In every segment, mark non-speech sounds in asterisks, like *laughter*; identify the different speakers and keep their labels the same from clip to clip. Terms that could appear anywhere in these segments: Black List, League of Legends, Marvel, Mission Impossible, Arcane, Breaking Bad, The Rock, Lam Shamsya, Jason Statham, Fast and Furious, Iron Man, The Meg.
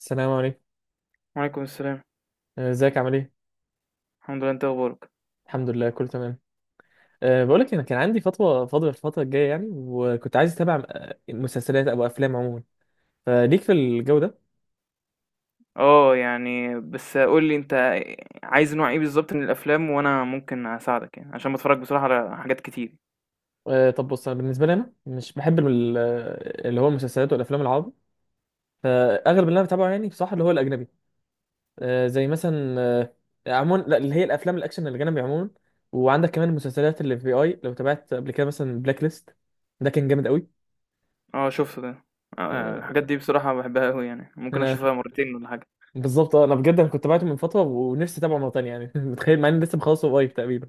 Speaker 1: السلام عليكم.
Speaker 2: وعليكم السلام.
Speaker 1: ازيك عامل ايه؟
Speaker 2: الحمد لله، انت اخبارك؟
Speaker 1: الحمد لله كله تمام. بقول لك انا كان عندي فتوى فاضيه الفتره الجايه يعني وكنت عايز اتابع مسلسلات او افلام عموما. فليك في الجو ده؟
Speaker 2: اه، يعني بس قول لي انت عايز نوع ايه بالظبط من الافلام، وانا ممكن اساعدك يعني عشان بتفرج بصراحه على حاجات كتير.
Speaker 1: طب بص انا بالنسبه لي انا مش بحب اللي هو المسلسلات والافلام العربي. فاغلب اللي انا بتابعه يعني بصراحه اللي هو الاجنبي. زي مثلا عموما لا، اللي هي الافلام الاكشن الاجنبي عموما. وعندك كمان المسلسلات اللي في اي لو تابعت قبل كده مثلا بلاك ليست. ده كان جامد قوي.
Speaker 2: اه، شفت ده. اه، الحاجات
Speaker 1: أه
Speaker 2: دي بصراحه بحبها قوي يعني، ممكن
Speaker 1: انا
Speaker 2: اشوفها مرتين ولا حاجه.
Speaker 1: بالظبط انا بجد انا كنت بعته من فتره ونفسي اتابعه مره تانية يعني *laughs* متخيل مع اني لسه مخلصه قريب تقريبا.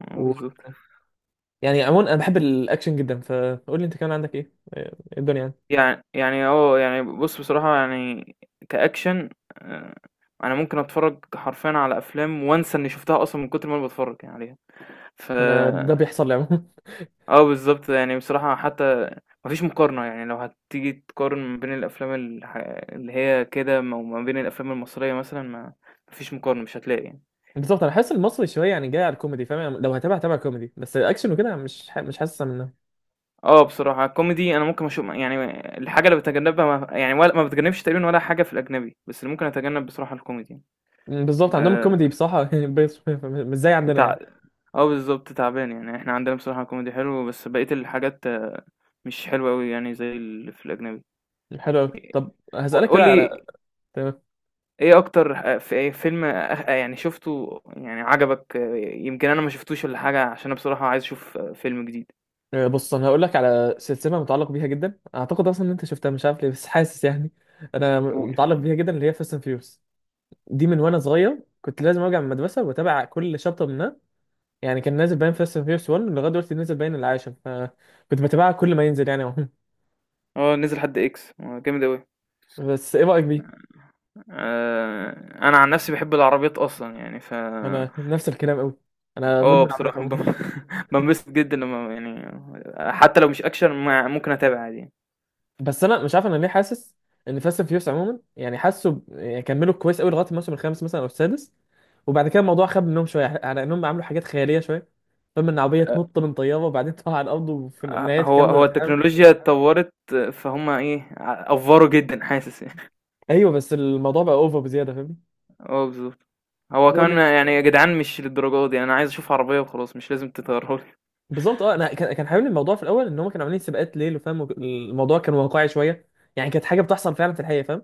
Speaker 2: اه،
Speaker 1: و...
Speaker 2: بالظبط.
Speaker 1: يعني عموما انا بحب الاكشن جدا فقول لي انت كمان عندك ايه إيه الدنيا يعني؟
Speaker 2: يعني يعني بص بصراحه يعني كاكشن، اه، انا ممكن اتفرج حرفيا على افلام وانسى اني شفتها اصلا من كتر ما انا بتفرج يعني عليها. ف
Speaker 1: انا ده بيحصل لي عموما.
Speaker 2: بالضبط، يعني بصراحة حتى ما فيش مقارنة، يعني لو هتيجي تقارن ما بين الأفلام اللي هي كده وما بين الأفلام المصرية مثلًا، ما فيش مقارنة، مش هتلاقي يعني.
Speaker 1: *laughs* بالظبط انا حاسس المصري شويه يعني جاي على الكوميدي فاهم يعني لو هتابع كوميدي بس الاكشن وكده مش حاسس منه.
Speaker 2: بصراحة الكوميدي، أنا ممكن يعني الحاجة اللي باتجنبها ما يعني، ولا ما باتجنبش تقريبًا ولا حاجة في الأجنبي، بس اللي ممكن أتجنب بصراحة الكوميدي.
Speaker 1: بالظبط عندهم
Speaker 2: آآ
Speaker 1: الكوميدي بصراحه *laughs* مش زي عندنا يعني.
Speaker 2: تع آه بالضبط، تعبان، يعني إحنا عندنا بصراحة كوميدي حلو، بس بقية الحاجات مش حلوة أوي يعني زي اللي في الأجنبي.
Speaker 1: حلو قوي. طب هسالك
Speaker 2: قُل
Speaker 1: كده على
Speaker 2: لي
Speaker 1: تمام.
Speaker 2: إيه أكتر في ايه فيلم يعني شُفته يعني عجبك، يمكن أنا ما شُفتوش والّا حاجة، عشان أنا بصراحة عايز أشوف، فيلم جديد؟
Speaker 1: بص انا هقول لك على سلسله متعلق بيها جدا اعتقد اصلا ان انت شفتها مش عارف ليه بس حاسس يعني انا
Speaker 2: قُل.
Speaker 1: متعلق بيها جدا اللي هي فاست اند فيوريوس. دي من وانا صغير كنت لازم ارجع من المدرسه واتابع كل شابتر منها. يعني كان نازل باين فاست اند فيوريوس 1 لغايه دلوقتي نازل باين العاشر فكنت بتابعها كل ما ينزل يعني عموما.
Speaker 2: نزل حد X، جامد أوي.
Speaker 1: بس ايه رايك بيه؟
Speaker 2: آآ أنا عن نَفْسي باحب العربيات أصلًا يعني.
Speaker 1: انا نفس الكلام قوي. انا مدمن عربيات
Speaker 2: بصراحة
Speaker 1: عموما.
Speaker 2: بانبسط *laughs* جدًا لمّا يعني، حتّى لو مش action ما ممكن أتابع عادي يعني.
Speaker 1: بس انا مش عارف انا ليه حاسس ان فاست اند فيوريوس عموما يعني حاسه يعني كملوا كويس قوي لغايه الموسم الخامس مثلا او السادس. وبعد كده الموضوع خاب منهم شويه على انهم عملوا حاجات خياليه شويه. فاهم ان عربيه تنط من طياره وبعدين تقع على الارض وفي النهايه
Speaker 2: هو
Speaker 1: تكمل
Speaker 2: هو
Speaker 1: وتحارب.
Speaker 2: التكنولوجيا اتطوّرت، فهُم إيه، أفّوروا جدًا حاسس.
Speaker 1: ايوه، بس الموضوع بقى اوفر بزياده.
Speaker 2: اه، بالظبط. هو
Speaker 1: فاهم.
Speaker 2: كمان يعني يا جدعان، مش للدرجة دي، انا عايز اشوف عربية وخلاص، مش لازم تطيرها لي.
Speaker 1: بالظبط انا كان حاببني الموضوع في الاول ان هم كانوا عاملين سباقات ليل وفاهم الموضوع كان واقعي شويه. يعني كانت حاجه بتحصل فعلا في الحقيقه فاهم.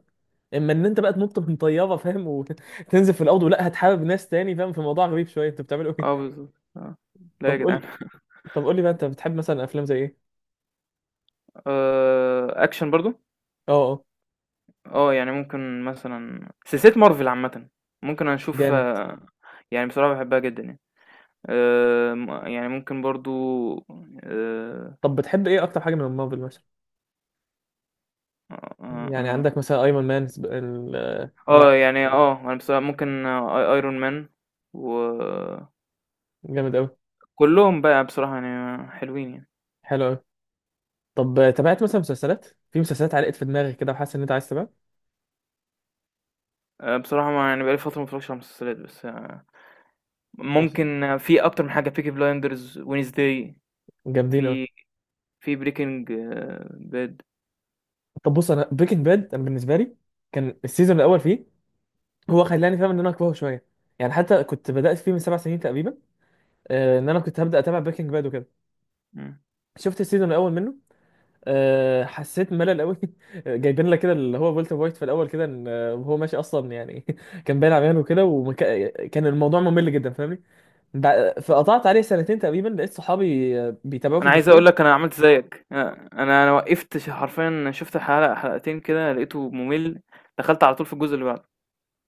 Speaker 1: اما ان انت بقى تنط من طياره فاهم وتنزل *laughs* في الارض ولا هتحابب ناس تاني فاهم في موضوع غريب شويه انتوا بتعملوا ايه؟
Speaker 2: اه، بالظبط، اه.
Speaker 1: *laughs*
Speaker 2: لا يا
Speaker 1: طب
Speaker 2: جدعان.
Speaker 1: قول طب قول لي بقى انت بتحب مثلا افلام زي ايه؟
Speaker 2: اكشن برضو.
Speaker 1: اه، اه،
Speaker 2: اه، يعني ممكن مثلا سلسلة مارفل عامة، ممكن اشوف،
Speaker 1: جامد.
Speaker 2: يعني بصراحة بحبها جدا يعني. يعني ممكن برضو. اه.
Speaker 1: طب بتحب ايه اكتر حاجه من مارفل مثلا؟
Speaker 2: آه،
Speaker 1: يعني
Speaker 2: آه.
Speaker 1: عندك مثلا ايرون مان هو.
Speaker 2: يعني انا بصراحة ممكن، ايرون مان وكلهم
Speaker 1: جامد قوي.
Speaker 2: بقى، بصراحة يعني حلوين يعني.
Speaker 1: حلو قوي. طب تابعت مثلا مسلسلات. في مسلسلات علقت في دماغك كده وحاسس ان انت عايز تتابعها.
Speaker 2: بصراحة ما يعني بقالي فترة ما اتفرجش على المسلسلات، بس ممكن، في اكتر من حاجه: بيكي بلايندرز، وينزداي،
Speaker 1: جامدين أوي.
Speaker 2: في في بريكنج باد.
Speaker 1: طب بص انا بريكنج باد انا بالنسبه لي كان السيزون الاول فيه هو خلاني فاهم ان انا اكرهه شويه. يعني حتى كنت بدات فيه من 7 سنين تقريبا. ان انا كنت هبدا اتابع بريكنج باد وكده. شفت السيزون الاول منه. حسيت ملل قوي. *laughs* جايبين لك كده اللي هو والتر وايت في الاول كده ان آه، وهو ماشي اصلا يعني *laughs* كان باين عميان وكده وكان الموضوع ممل جدا فاهمني. فقطعت عليه سنتين تقريبا لقيت صحابي بيتابعوه في
Speaker 2: انا عايز
Speaker 1: الديسكورد.
Speaker 2: اقول لك انا عملت زيك، انا وقفت، حرفيا شفت حلقه حلقتين كده، لقيته ممل. دخلت على طول في الجزء اللي بعده.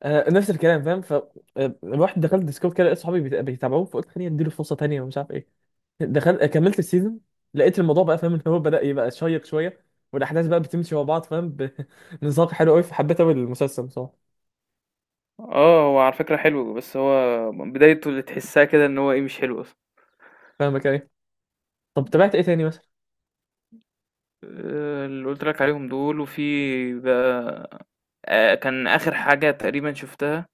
Speaker 1: نفس الكلام فاهم رحت دخلت ديسكورد كده لقيت صحابي بيتابعوه فقلت خليني اديله فرصه تانيه ومش عارف ايه. دخلت كملت السيزون. لقيت الموضوع بقى فاهم ان هو بدأ يبقى شيق شويه والاحداث بقى بتمشي مع بعض فاهم. بنساق *laughs* حلو قوي فحبيت قوي المسلسل بصراحه.
Speaker 2: اه، هو على فكره حلو، بس هو بدايته اللي تحسها كده ان هو ايه، مش حلو اصلا.
Speaker 1: فاهمك ايه. طب تابعت ايه تاني مثلا؟
Speaker 2: اللي قلت لك عليهم دول، وفي بقى، كان اخر حاجه تقريبا شفتها،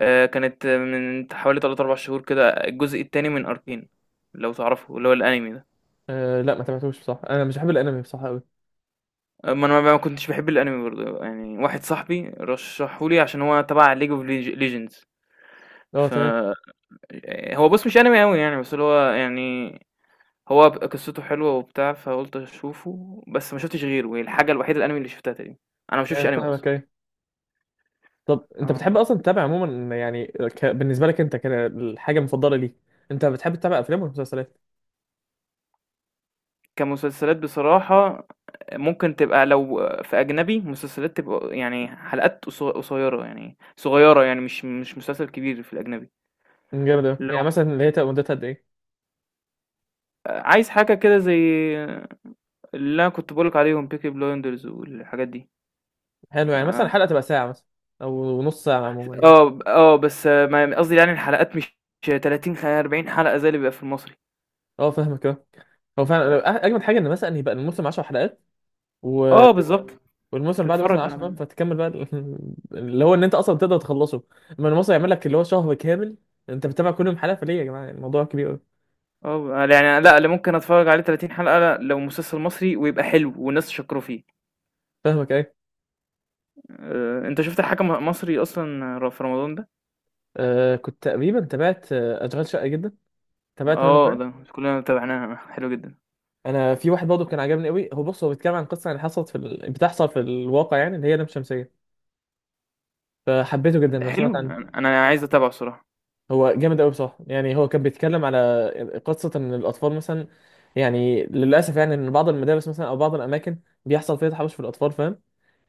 Speaker 2: كانت من حوالي 3، 4 شهور كده، الجزء التاني من أركين، لو تعرفه، اللي هو الأنمي ده.
Speaker 1: لا ما تابعتوش بصراحه انا مش بحب الانمي بصراحه قوي.
Speaker 2: أمّا أنا ما كنتش باحب الأنمي برضه، يعني واحد صاحبي رشّحه لي عشان هو تبع League of Legends.
Speaker 1: اه
Speaker 2: ف
Speaker 1: تمام.
Speaker 2: هو بُص، مش أنمي أوي يعني، بس اللي هو يعني، هو قصته حلوة وبتاع، فقُلت أشوفه. بس ما شُفتش غيره، هي الحاجة الوحيدة الأنمي اللي شُفتها تقريبًا. أنا ما باشوفش
Speaker 1: يعني
Speaker 2: أنمي
Speaker 1: فاهمك
Speaker 2: أصلًا.
Speaker 1: ايه. طب انت
Speaker 2: آه.
Speaker 1: بتحب اصلا تتابع عموما يعني بالنسبه لك انت كده الحاجه المفضله ليك. انت بتحب تتابع افلام ولا مسلسلات؟
Speaker 2: كمسلسلات بصراحة، ممكن تبقى لو في أجنبي مسلسلات، تبقى يعني حلقات قصيرة، يعني صغيرة، يعني مش مسلسل كبير في الأجنبي.
Speaker 1: جامد أوي.
Speaker 2: لو
Speaker 1: يعني مثلا اللي هي تبقى مدتها قد ايه؟
Speaker 2: عايز حاجة كده، زي اللي أنا كنت بقولك عليهم، بيكي بلايندرز والحاجات دي.
Speaker 1: حلو، يعني مثلا
Speaker 2: اه،
Speaker 1: الحلقه تبقى ساعه مثلا او نص ساعه عموما يعني.
Speaker 2: اه، بس قصدي يعني الحلقات مش 30، 40 حلقة زي اللي بيبقى في المصري.
Speaker 1: اه فاهمك اه. هو فعلا اجمد حاجه ان مثلا يبقى الموسم 10 حلقات و...
Speaker 2: اه، بالظبط،
Speaker 1: والموسم بعد مثلا
Speaker 2: تتفرج
Speaker 1: 10
Speaker 2: على.
Speaker 1: فاهم فتكمل بقى *laughs* اللي هو ان انت اصلا تقدر تخلصه. اما الموسم يعمل لك اللي هو شهر كامل انت بتتابع كل يوم حلقه فليه يا جماعه الموضوع كبير قوي.
Speaker 2: اه، يعني لا، اللي ممكن اتفرج عليه 30 حلقة لو مسلسل مصري ويبقى حلو والناس شكروا فيه.
Speaker 1: فاهمك ايه.
Speaker 2: انت شفت الحكم مصري اصلا في رمضان ده؟
Speaker 1: كنت تقريبا تابعت اشغال شقه جدا. تابعت منه
Speaker 2: اه،
Speaker 1: كمان.
Speaker 2: ده كلنا تابعناه، حلو جدا.
Speaker 1: انا في واحد برضه كان عجبني قوي هو بص هو بيتكلم عن قصه اللي حصلت في بتحصل في الواقع يعني اللي هي لام شمسيه. فحبيته جدا
Speaker 2: ده
Speaker 1: لو
Speaker 2: حلو،
Speaker 1: سمعت عنه.
Speaker 2: أنا عايز اتابعه الصراحه.
Speaker 1: هو جامد قوي بصراحه يعني هو كان بيتكلم على قصه ان الاطفال مثلا يعني للاسف يعني ان بعض المدارس مثلا او بعض الاماكن بيحصل فيها تحرش في الاطفال فاهم.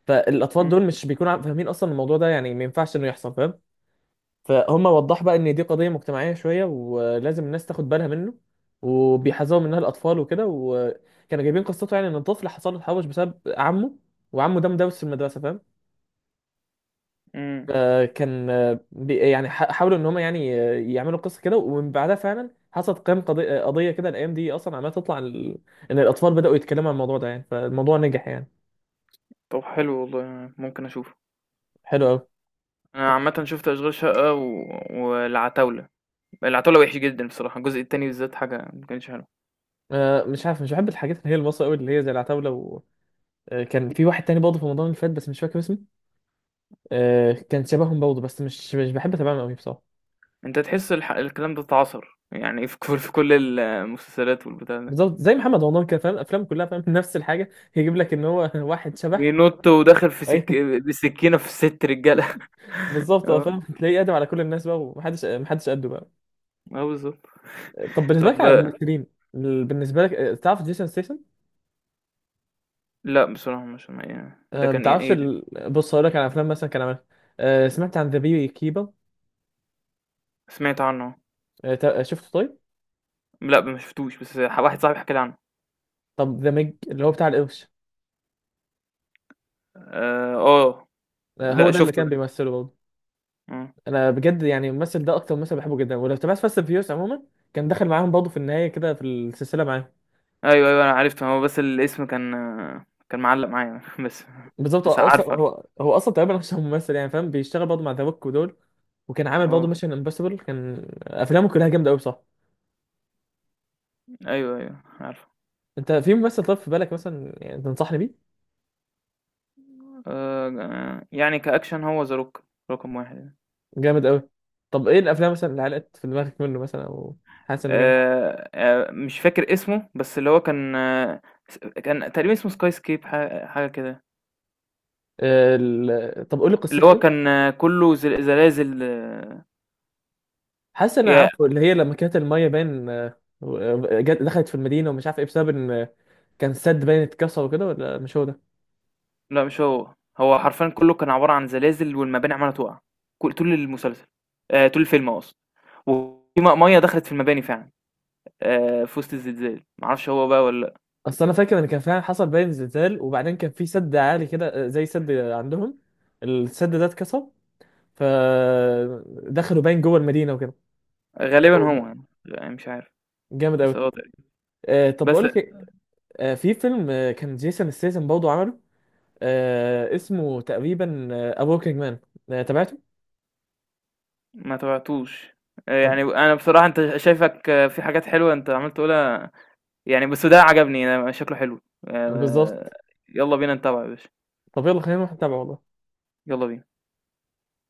Speaker 1: فالاطفال
Speaker 2: مم.
Speaker 1: دول مش بيكونوا فاهمين اصلا الموضوع ده يعني ما ينفعش انه يحصل فاهم. فهم وضح بقى ان دي قضيه مجتمعيه شويه ولازم الناس تاخد بالها منه وبيحذروا منها الاطفال وكده وكانوا جايبين قصته يعني ان الطفل حصل له تحرش بسبب عمه وعمه ده مدرس في المدرسه فاهم.
Speaker 2: مم.
Speaker 1: كان حاولوا ان هم يعني يعملوا قصه كده ومن بعدها فعلا حصلت قيام قضية كده الايام دي اصلا عماله تطلع عن ان الاطفال بداوا يتكلموا عن الموضوع ده يعني فالموضوع نجح يعني.
Speaker 2: طب حلو والله، ممكن اشوفه.
Speaker 1: حلو قوي.
Speaker 2: انا عامه شفت اشغال شقه والعتاوله. العتاوله وحش جدا بصراحه، الجزء التاني بالذات حاجه ما كانش حلو.
Speaker 1: مش عارف مش بحب الحاجات اللي هي المصري قوي اللي هي زي العتاوله كان في واحد تاني برضه في رمضان اللي فات بس مش فاكر اسمه. كان شبههم برضه بس مش بحب اتابعهم قوي بصراحه.
Speaker 2: انت تحس الكلام ده اتعصر يعني في كل المسلسلات والبتاع ده.
Speaker 1: بالظبط زي محمد رمضان كده فاهم افلام كلها فاهم *laughs* نفس الحاجه. يجيب لك ان هو *laughs* واحد شبح.
Speaker 2: بينط وداخل في
Speaker 1: اي *laughs*
Speaker 2: بسكينه في ست رجاله *laughs*
Speaker 1: بالظبط
Speaker 2: اه،
Speaker 1: فاهم تلاقيه قادم على كل الناس بقى ومحدش قده بقى.
Speaker 2: اه، بالظبط.
Speaker 1: طب بالنسبه لك
Speaker 2: طب
Speaker 1: على الممثلين. بالنسبه لك تعرف جيسون ستيسن؟
Speaker 2: لا، بصراحه مش يعني، ده
Speaker 1: ما
Speaker 2: كان ايه
Speaker 1: تعرفش
Speaker 2: إيه؟
Speaker 1: بص هقول لك على افلام مثلا كان عملها. سمعت عن ذا بي كيبر؟
Speaker 2: سمعت عنه.
Speaker 1: شفته طيب.
Speaker 2: لأ ما شفتوش، بس واحد صاحبي حكى لي عنه.
Speaker 1: طب ذا ميج اللي هو بتاع القرش.
Speaker 2: آآ، آه،
Speaker 1: هو
Speaker 2: لأ،
Speaker 1: ده اللي
Speaker 2: شُفته
Speaker 1: كان
Speaker 2: ده،
Speaker 1: بيمثله برضه.
Speaker 2: آه،
Speaker 1: انا بجد يعني الممثل ده اكتر ممثل بحبه جدا ولو تابعت فاست فيوس عموما كان دخل معاهم برضه في النهايه كده في السلسله معاهم.
Speaker 2: أيوه، أيوه، أنا عرفته، هو بس الاسم كان معلّق معايا *laughs* بس،
Speaker 1: بالظبط هو
Speaker 2: بس
Speaker 1: اصلا
Speaker 2: عارفه، عارفه.
Speaker 1: هو هو اصلا تقريبا مش ممثل يعني فاهم بيشتغل برضه مع ذا روك ودول. وكان عامل برضه
Speaker 2: آه،
Speaker 1: ميشن امبوسيبل كان افلامه كلها جامده قوي صح؟
Speaker 2: أيوه، أيوه عارفه.
Speaker 1: انت في ممثل طب في بالك مثلا يعني تنصحني بيه؟
Speaker 2: يعني كأكشن هو The Rock رقم 1.
Speaker 1: جامد قوي. طب ايه الافلام مثلا اللي علقت في دماغك منه مثلا او حاسس انه جامد؟
Speaker 2: مش فاكر اسمه، بس اللي هو كان، كان تقريبًا اسمه Skyscape، حاجة كده.
Speaker 1: طب قولي قصته
Speaker 2: اللي هو
Speaker 1: كده.
Speaker 2: كان، كُلّه زلازل.
Speaker 1: حاسس ان
Speaker 2: ي
Speaker 1: انا عارفه اللي هي لما كانت الميه باين جت دخلت في المدينه ومش عارف ايه بسبب ان كان سد باين اتكسر وكده ولا مش هو ده؟
Speaker 2: لأ مش هو، هو حرفيًا كلّه كان عبارة عن زلازل والمباني عمّالة تُقع، كل طول المسلسل، طول الفيلم أقصد، وفي مَيّة دخلت في المباني فعلًا، في وسط الزلزال، ما أعرفش هو بقى والّا.
Speaker 1: اصل انا فاكر ان كان فعلا حصل باين زلزال وبعدين كان في سد عالي كده زي سد عندهم. السد ده اتكسر فدخلوا باين جوه المدينه وكده.
Speaker 2: لأ، غالبًا هو يعني، مش عارف.
Speaker 1: جامد قوي.
Speaker 2: بس هو تقريبًا.
Speaker 1: طب
Speaker 2: بس
Speaker 1: بقول لك ايه، في فيلم كان جيسون ستاثام برضه عمله. اسمه تقريبا افوركينج مان. تابعته؟
Speaker 2: ما تابعتوش. يعني
Speaker 1: طب.
Speaker 2: أنا بصراحة، أنت شايفك في حاجات حلوة أنت عمّال تقولها، يعني بس ده عجبني، أنا شكله حلو. آآ
Speaker 1: بالظبط.
Speaker 2: يالّا بينا نتابعه يا باشا،
Speaker 1: طب يلا خلينا نروح نتابعه والله.
Speaker 2: يالّا بينا.